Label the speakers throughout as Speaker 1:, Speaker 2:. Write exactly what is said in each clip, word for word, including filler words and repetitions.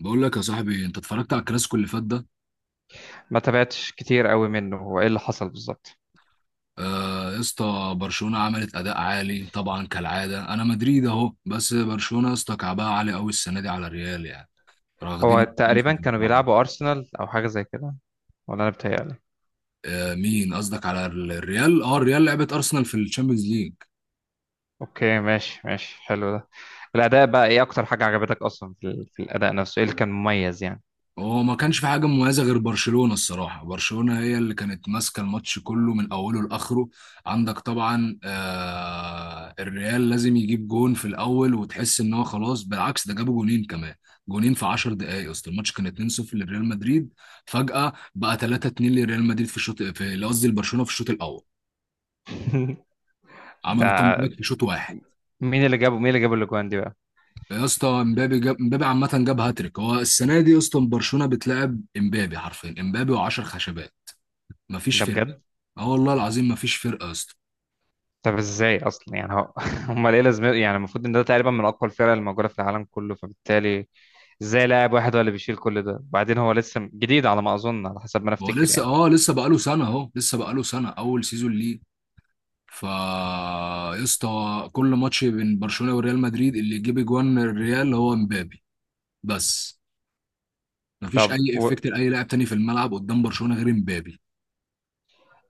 Speaker 1: بقول لك يا صاحبي، انت اتفرجت على الكلاسيكو اللي فات ده؟
Speaker 2: ما تابعتش كتير قوي منه, هو ايه اللي حصل بالظبط؟
Speaker 1: آه يا اسطى، برشلونه عملت اداء عالي طبعا كالعاده. انا مدريد اهو، بس برشلونه يا اسطى كعبها عالي قوي السنه دي على الريال يعني.
Speaker 2: هو
Speaker 1: واخدينه خمسة
Speaker 2: تقريبا كانوا
Speaker 1: أربعة.
Speaker 2: بيلعبوا ارسنال او حاجه زي كده, ولا انا بتهيألي.
Speaker 1: آه مين قصدك؟ على الريال. اه الريال لعبت ارسنال في الشامبيونز ليج.
Speaker 2: اوكي, ماشي ماشي, حلو ده. الاداء بقى ايه اكتر حاجه عجبتك اصلا في, ال- في الاداء نفسه؟ ايه اللي كان مميز يعني؟
Speaker 1: هو ما كانش في حاجه مميزه غير برشلونه الصراحه. برشلونه هي اللي كانت ماسكه الماتش كله من اوله لاخره. عندك طبعا، آه الريال لازم يجيب جون في الاول وتحس ان هو خلاص، بالعكس ده جابوا جونين كمان. جونين في 10 دقائق، اصل الماتش كان اتنين صفر لريال مدريد، فجاه بقى ثلاثة اتنين لريال مدريد في الشوط، في قصدي لبرشلونه في الشوط الاول. عملوا
Speaker 2: ده,
Speaker 1: كامباك في شوط واحد.
Speaker 2: مين اللي جابه مين اللي جاب الاجوان دي بقى؟
Speaker 1: يا اسطى امبابي جاب، امبابي عامه جاب هاتريك. هو السنه دي يا اسطى برشلونه بتلعب امبابي حرفيا، امبابي و10 خشبات، مفيش
Speaker 2: ده
Speaker 1: فرق.
Speaker 2: بجد؟
Speaker 1: اه والله العظيم ما فيش فرقه يا اسطى.
Speaker 2: طب ازاي اصلا يعني هو امال ايه لازمته يعني؟ المفروض ان ده تقريبا من اقوى الفرق الموجوده في العالم كله, فبالتالي ازاي لاعب واحد هو اللي بيشيل كل ده؟ وبعدين هو لسه جديد على ما اظن, على حسب ما انا
Speaker 1: هو
Speaker 2: افتكر
Speaker 1: لسه
Speaker 2: يعني.
Speaker 1: اه لسه بقاله سنه اهو، لسه بقاله سنه اول سيزون ليه. فا يا اسطى كل ماتش بين برشلونه وريال مدريد اللي يجيب جوان الريال هو مبابي بس. ما فيش
Speaker 2: طب
Speaker 1: اي
Speaker 2: و...
Speaker 1: افكت لاي لاعب تاني في الملعب قدام برشلونه غير مبابي.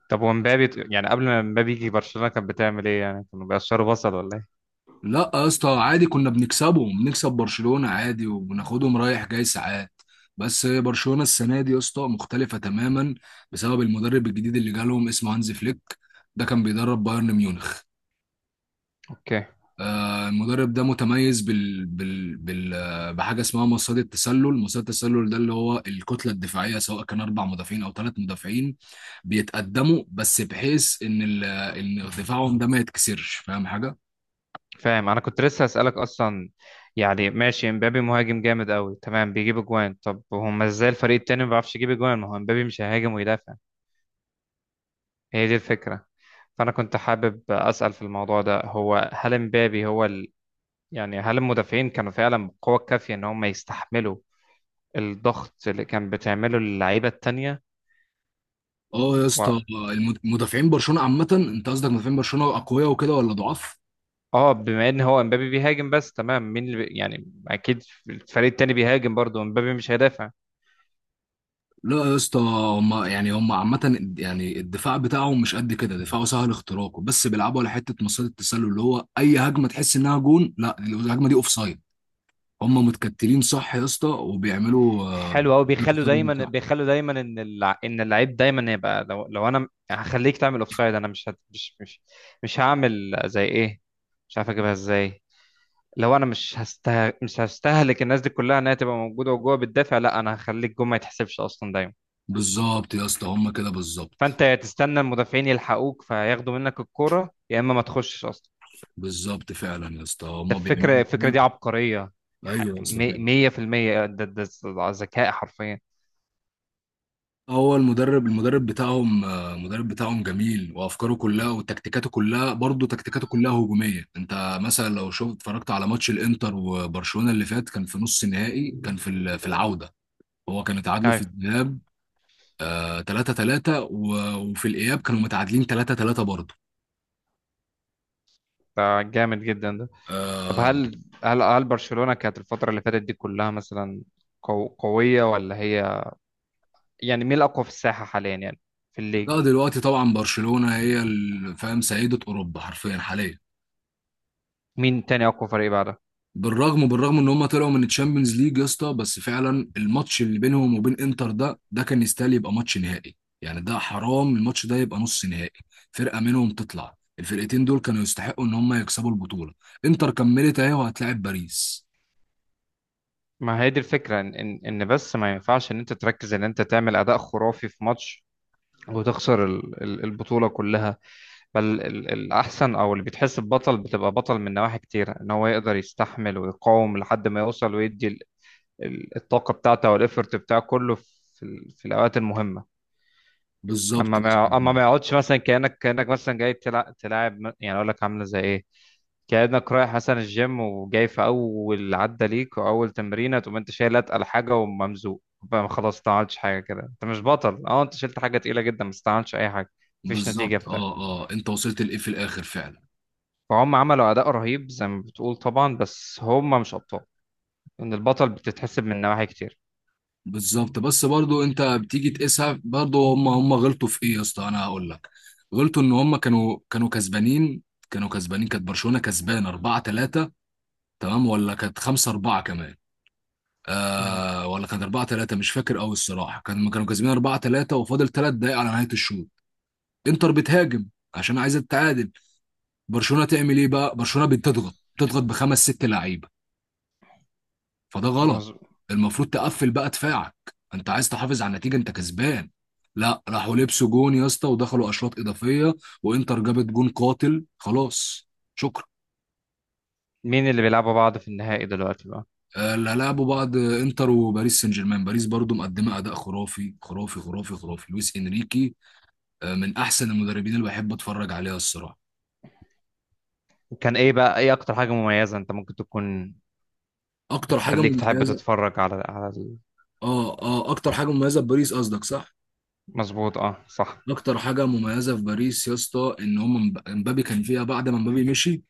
Speaker 2: طب ومبابي يعني قبل ما مبابي يجي برشلونة كانت بتعمل ايه؟ يعني كانوا بيقشروا بصل ولا ايه؟
Speaker 1: لا يا اسطى عادي، كنا بنكسبه بنكسب برشلونه عادي وبناخدهم رايح جاي ساعات. بس برشلونه السنه دي يا اسطى مختلفه تماما، بسبب المدرب الجديد اللي جالهم اسمه هانز فليك. ده كان بيدرب بايرن ميونخ.
Speaker 2: اوكي,
Speaker 1: آه، المدرب ده متميز بال... بال... بال... آه، بحاجه اسمها مصيدة التسلل. مصيدة التسلل ده اللي هو الكتله الدفاعيه، سواء كان اربع مدافعين او ثلاث مدافعين بيتقدموا، بس بحيث ان ال... آه، ان دفاعهم ده ما يتكسرش، فاهم حاجه؟
Speaker 2: فاهم, انا كنت لسه هسألك اصلا. يعني ماشي, مبابي مهاجم جامد قوي تمام بيجيب اجوان, طب هما ازاي الفريق التاني ما بيعرفش يجيب اجوان؟ ما هو مبابي مش هيهاجم ويدافع, هي دي الفكرة. فانا كنت حابب اسأل في الموضوع ده, هو هل مبابي هو ال... يعني هل المدافعين كانوا فعلا بالقوة الكافية ان هم يستحملوا الضغط اللي كان بتعمله اللعيبة التانية؟
Speaker 1: اه يا اسطى، آه، المد- مدافعين برشلونه عامه، انت قصدك مدافعين برشلونه اقوياء وكده ولا ضعاف؟
Speaker 2: اه, بما ان هو امبابي بيهاجم بس تمام, مين اللي بي- يعني اكيد الفريق التاني بيهاجم برضه, امبابي مش هيدافع.
Speaker 1: لا يا اسطى، هم يعني، هم عامة يعني الدفاع بتاعهم مش قد كده، دفاعه سهل اختراقه، بس بيلعبوا على حتة مصيدة التسلل اللي هو أي هجمة تحس إنها جون، لا الهجمة دي أوف سايد. هم متكتلين صح يا اسطى، وبيعملوا آه،
Speaker 2: حلو قوي, بيخلوا
Speaker 1: التسلل
Speaker 2: دايما
Speaker 1: صح.
Speaker 2: بيخلوا دايما ان الع... ان اللعيب دايما يبقى, لو لو انا هخليك تعمل اوفسايد, انا مش هت... مش مش مش هعمل زي ايه, مش عارف اجيبها ازاي. لو انا مش هسته... مش هستهلك الناس دي كلها انها تبقى موجوده وجوه بتدافع, لا انا هخليك جوه ما يتحسبش اصلا دايما.
Speaker 1: بالظبط يا اسطى هم كده بالظبط.
Speaker 2: فانت يا تستنى المدافعين يلحقوك فياخدوا منك الكوره, يا اما ما تخشش اصلا.
Speaker 1: بالظبط فعلا يا اسطى
Speaker 2: ده
Speaker 1: هم بيعملوا
Speaker 2: الفكرة, الفكرة
Speaker 1: كده.
Speaker 2: دي عبقرية. ح-
Speaker 1: ايوه يا اسطى
Speaker 2: مي-
Speaker 1: فعلا.
Speaker 2: مية في المية, ده ده ده ذكاء حرفيا.
Speaker 1: هو المدرب المدرب بتاعهم، آه، المدرب بتاعهم جميل وافكاره كلها وتكتيكاته كلها، برضه تكتيكاته كلها هجوميه. انت مثلا لو شفت، اتفرجت على ماتش الانتر وبرشلونه اللي فات، كان في نص النهائي، كان في ال- في العوده. هو كان اتعادلوا في
Speaker 2: أيوة,
Speaker 1: الذهاب ثلاثة ثلاثة، وفي الاياب كانوا متعادلين ثلاثة ثلاثة برضه.
Speaker 2: ده جامد جدا ده. طب
Speaker 1: آه،
Speaker 2: هل هل هل برشلونة كانت الفترة اللي فاتت دي كلها مثلا قو- قوية ولا هي؟ يعني مين الأقوى في الساحة حاليا يعني؟ في الليج؟
Speaker 1: لا دلوقتي طبعا برشلونة هي ال- فاهم، سيدة اوروبا حرفيا حاليا.
Speaker 2: مين تاني أقوى فريق بعدها؟
Speaker 1: بالرغم بالرغم ان هم طلعوا من الشامبيونز ليج يا اسطى، بس فعلا الماتش اللي بينهم وبين انتر ده ده كان يستاهل يبقى ماتش نهائي. يعني ده حرام الماتش ده يبقى نص نهائي. فرقة منهم تطلع، الفرقتين دول كانوا يستحقوا ان هم يكسبوا البطولة. انتر كملت اهي وهتلاعب باريس.
Speaker 2: ما هي دي الفكرة, إن إن إن بس ما ينفعش إن أنت تركز إن أنت تعمل أداء خرافي في ماتش وتخسر ال- ال- البطولة كلها. بل ال- الأحسن أو اللي بيتحس ببطل بتبقى بطل من نواحي كتير, إن هو يقدر يستحمل ويقاوم لحد ما يوصل ويدي ال- ال- الطاقة بتاعته والإفرت بتاعه كله في, ال- في الأوقات المهمة.
Speaker 1: بالظبط.
Speaker 2: أما ما يع- أما ما يقعدش مثلا كأنك كأنك مثلا جاي تلع- تلاعب م- يعني أقول لك عاملة زي إيه؟ كأنك رايح مثلا الجيم وجاي في أول عدة ليك وأول تمرينة, تقوم أنت شايل أتقل حاجة وممزوق بقى خلاص, ما عملتش حاجة, كده أنت مش بطل. أه, أنت شلت حاجة تقيلة جدا بس ما عملتش أي حاجة, مفيش نتيجة
Speaker 1: بالظبط
Speaker 2: في الآخر.
Speaker 1: اه اه انت وصلت لايه في الاخر فعلا.
Speaker 2: فهم عملوا أداء رهيب زي ما بتقول طبعا, بس هم مش أبطال. إن البطل بتتحسب من نواحي كتير.
Speaker 1: بالظبط، بس برضو انت بتيجي تقيسها، برضو هم هم غلطوا في ايه يا اسطى، انا هقول لك. غلطوا ان هم كانوا كانوا كسبانين. كانوا كسبانين، كانت برشلونة كسبان أربعة ثلاثة، تمام، ولا كانت خمسة أربعة كمان؟
Speaker 2: مهم.
Speaker 1: آه ولا كانت أربعة ثلاثة مش فاكر قوي الصراحة. كانوا كانوا كسبانين أربعة ثلاثة، وفاضل 3 دقايق على نهاية الشوط. انتر بتهاجم عشان عايزة تتعادل. برشلونة تعمل ايه بقى؟ برشلونة بتضغط بتضغط بخمس ست لعيبة، فده غلط.
Speaker 2: مظبوط.
Speaker 1: المفروض تقفل بقى دفاعك، انت عايز تحافظ على النتيجه، انت كسبان. لا راحوا لبسوا جون يا اسطى، ودخلوا اشواط اضافيه، وانتر جابت جون قاتل خلاص. شكرا.
Speaker 2: مين اللي بيلعبوا بعض في النهائي دلوقتي بقى؟
Speaker 1: آه، لا لعبوا بعض انتر وباريس سان جيرمان. باريس برضو مقدمه اداء خرافي خرافي خرافي خرافي. لويس انريكي، آه، من احسن المدربين اللي بحب اتفرج عليها الصراحه.
Speaker 2: وكان إيه بقى إيه أكتر حاجة مميزة أنت ممكن تكون
Speaker 1: اكتر حاجه
Speaker 2: بتخليك تحب
Speaker 1: مميزه،
Speaker 2: تتفرج على على ال-
Speaker 1: اه اه اكتر حاجه مميزه في باريس قصدك صح؟
Speaker 2: مظبوط, أه صح.
Speaker 1: اكتر حاجه مميزه في باريس يا اسطى ان هم امبابي كان فيها. بعد ما امبابي مشي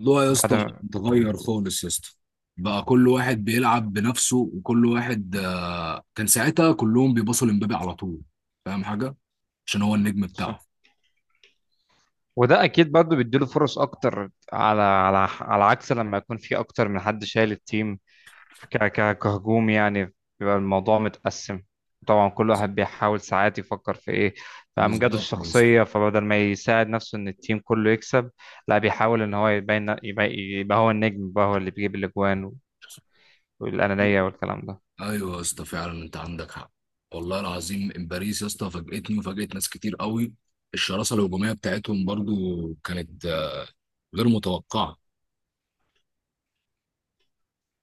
Speaker 1: الموضوع يا
Speaker 2: بعد
Speaker 1: اسطى
Speaker 2: ما-
Speaker 1: اتغير خالص يا اسطى. بقى كل واحد بيلعب بنفسه، وكل واحد آه، كان ساعتها كلهم بيبصوا لمبابي على طول، فاهم حاجه؟ عشان هو النجم بتاعهم.
Speaker 2: صح. وده أكيد برضه بيديله فرص أكتر على على على عكس لما يكون في أكتر من حد شايل التيم, ك ك- كهجوم يعني, بيبقى الموضوع متقسم. طبعا كل واحد بيحاول ساعات يفكر في ايه, في امجاده
Speaker 1: بالظبط يا اسطى.
Speaker 2: الشخصيه, فبدل ما يساعد نفسه ان التيم كله يكسب, لا بيحاول ان هو يبين يبقى, يبقى هو النجم, يبقى هو اللي بيجيب الاجوان والانانيه والكلام ده.
Speaker 1: ايوه يا اسطى فعلا انت عندك حق. والله العظيم إن باريس يا اسطى فاجئتني وفاجئت ناس كتير قوي. الشراسه الهجوميه بتاعتهم برضو كانت، آه، غير متوقعه.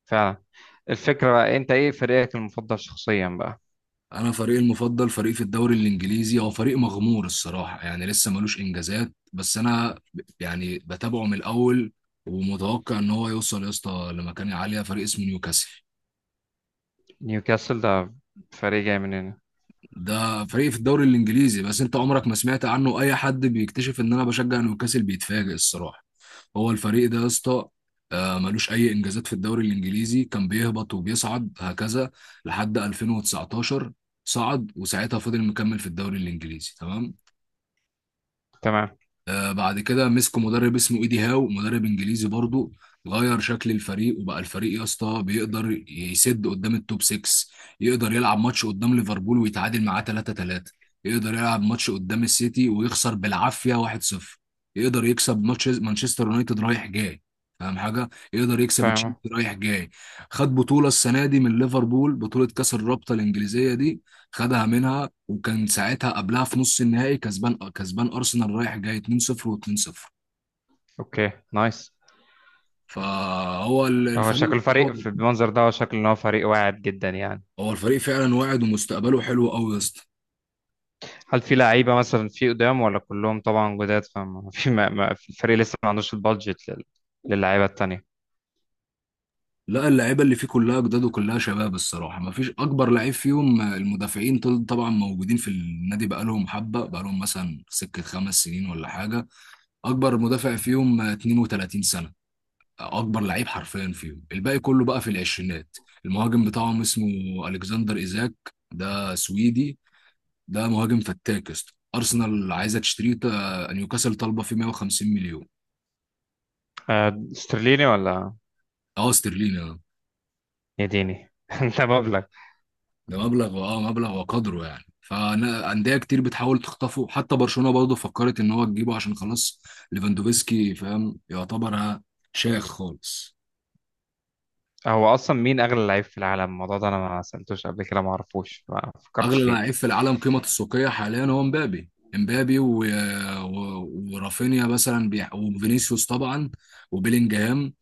Speaker 2: فعلا. الفكره بقى, انت ايه فريقك المفضل شخصيا بقى؟
Speaker 1: انا فريقي المفضل، فريق في الدوري الانجليزي، هو فريق مغمور الصراحه، يعني لسه ملوش انجازات، بس انا ب- يعني بتابعه من الاول، ومتوقع ان هو يوصل يا اسطى لمكانه عاليه. فريق اسمه نيوكاسل.
Speaker 2: نيوكاسل ده فريق جاي من هنا؟
Speaker 1: ده فريق في الدوري الانجليزي، بس انت عمرك ما سمعت عنه. اي حد بيكتشف ان انا بشجع نيوكاسل بيتفاجئ الصراحه. هو الفريق ده يا اسطى، آه، ملوش اي انجازات في الدوري الانجليزي، كان بيهبط وبيصعد هكذا لحد ألفين وتسعتاشر صعد. وساعتها فضل مكمل في الدوري الانجليزي تمام.
Speaker 2: تمام.
Speaker 1: آه، بعد كده مسكوا مدرب اسمه ايدي هاو، مدرب انجليزي برضه، غير شكل الفريق. وبقى الفريق يا اسطى بيقدر يسد قدام التوب ستة. يقدر يلعب ماتش قدام ليفربول ويتعادل معاه ثلاثة ثلاثة، يقدر يلعب ماتش قدام السيتي ويخسر بالعافيه واحد صفر، يقدر يكسب ماتش مانشستر يونايتد رايح جاي، فاهم حاجه، يقدر يكسب
Speaker 2: فاهم.
Speaker 1: تشيلسي رايح جاي. خد بطوله السنه دي من ليفربول، بطوله كاس الرابطه الانجليزيه دي، خدها منها. وكان ساعتها قبلها في نص النهائي كسبان كسبان ارسنال رايح جاي اتنين صفر و2-0.
Speaker 2: اوكي, نايس.
Speaker 1: فهو ال-
Speaker 2: هو
Speaker 1: الفريق
Speaker 2: شكل الفريق
Speaker 1: استحوذ.
Speaker 2: في المنظر ده, هو شكل ان هو فريق واعد جدا يعني.
Speaker 1: هو الفريق فعلا واعد ومستقبله حلو قوي يا اسطى.
Speaker 2: هل في لعيبة مثلا في قدام ولا كلهم طبعا جداد؟ فما في, ما ما في الفريق لسه ما عندوش البادجت لل... للعيبة التانية؟
Speaker 1: لا اللعيبه اللي فيه كلها جداد وكلها شباب الصراحه، ما فيش اكبر لعيب فيهم. المدافعين طل- طبعا موجودين في النادي بقالهم حبه، بقالهم مثلا سكه خمس سنين ولا حاجه. اكبر مدافع فيهم اتنين وثلاثين سنه، اكبر لعيب حرفيا فيهم. الباقي كله بقى في العشرينات. المهاجم بتاعهم اسمه الكسندر ايزاك، ده سويدي، ده مهاجم فتاك يا اسطى. ارسنال عايزه تشتريه، تا- نيوكاسل طالبه فيه مية وخمسين مليون.
Speaker 2: آه, استرليني ولا؟
Speaker 1: اه استرليني اه.
Speaker 2: يديني ده مبلغ.
Speaker 1: ده مبلغ، اه مبلغ وقدره يعني. فانديه كتير بتحاول تخطفه، حتى برشلونه برضه فكرت ان هو تجيبه، عشان خلاص ليفاندوفسكي فاهم يعتبر، ها، شايخ خالص.
Speaker 2: هو اصلا مين اغلى لعيب في العالم؟ الموضوع ده انا ما سألتوش قبل كده, ما اعرفوش, ما فكرتش
Speaker 1: اغلى
Speaker 2: فيه.
Speaker 1: لعيب في العالم قيمه السوقيه حاليا هو مبابي، مبابي و... و... ورافينيا مثلا بيح... وفينيسيوس طبعا، وبيلينجهام.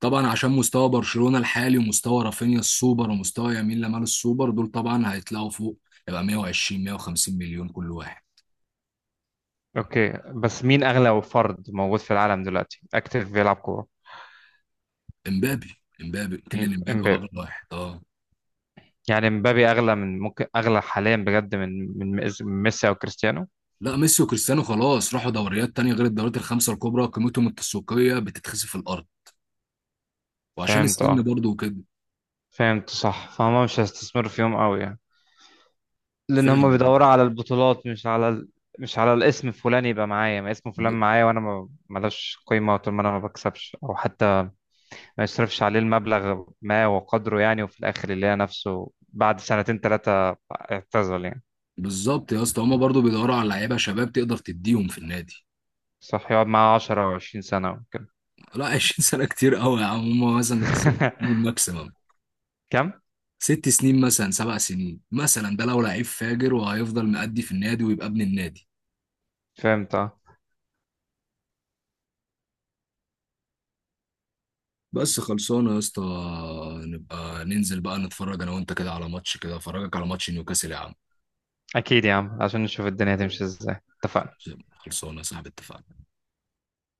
Speaker 1: طبعا عشان مستوى برشلونة الحالي، ومستوى رافينيا السوبر، ومستوى يمين لمال السوبر، دول طبعا هيطلعوا فوق، يبقى مية وعشرين مية وخمسين مليون كل واحد.
Speaker 2: اوكي, بس مين اغلى فرد موجود في العالم دلوقتي اكتف بيلعب كورة؟
Speaker 1: امبابي، امبابي كيليان
Speaker 2: ام-
Speaker 1: امبابي هو
Speaker 2: امبابي.
Speaker 1: غير واحد اه.
Speaker 2: يعني امبابي اغلى, من ممكن اغلى حاليا بجد من من ميس- من ميسي او كريستيانو؟
Speaker 1: لا ميسي وكريستيانو خلاص راحوا دوريات تانية غير الدوريات الخمسة الكبرى، قيمتهم التسويقية بتتخسف في الأرض، وعشان
Speaker 2: فهمت
Speaker 1: السن
Speaker 2: اه.
Speaker 1: برضه وكده.
Speaker 2: فهمت صح, فهم مش هيستثمروا فيهم قوي, لان
Speaker 1: فعلا.
Speaker 2: هم بيدوروا على البطولات, مش على ال... مش على الاسم. فلان يبقى معايا, ما اسم فلان
Speaker 1: ب-
Speaker 2: معايا وانا ما ملوش قيمه طول ما انا ما بكسبش, او حتى ما يصرفش عليه المبلغ, ما وقدره يعني, وفي الاخر يلاقي نفسه بعد سنتين ثلاثه اعتزل يعني.
Speaker 1: بالظبط يا اسطى. هما برضه بيدوروا على لعيبة شباب تقدر تديهم في النادي.
Speaker 2: صح, يقعد معاه عشر او عشرين سنه وكده.
Speaker 1: لا عشرين سنة كتير قوي يا عم. هما مثلا خسروا الماكسيمم
Speaker 2: كم؟
Speaker 1: ست سنين مثلا، سبع سنين مثلا. ده لو لعيب فاجر، وهيفضل مأدي في النادي ويبقى ابن النادي.
Speaker 2: فهمت اه.
Speaker 1: بس خلصانه يا اسطى، نبقى ننزل بقى نتفرج انا وانت كده على ماتش، كده افرجك على ماتش نيوكاسل يا عم.
Speaker 2: اكيد يا عم, عشان نشوف الدنيا تمشي ازاي. اتفقنا.
Speaker 1: خلصانه يا صاحبي اتفقنا.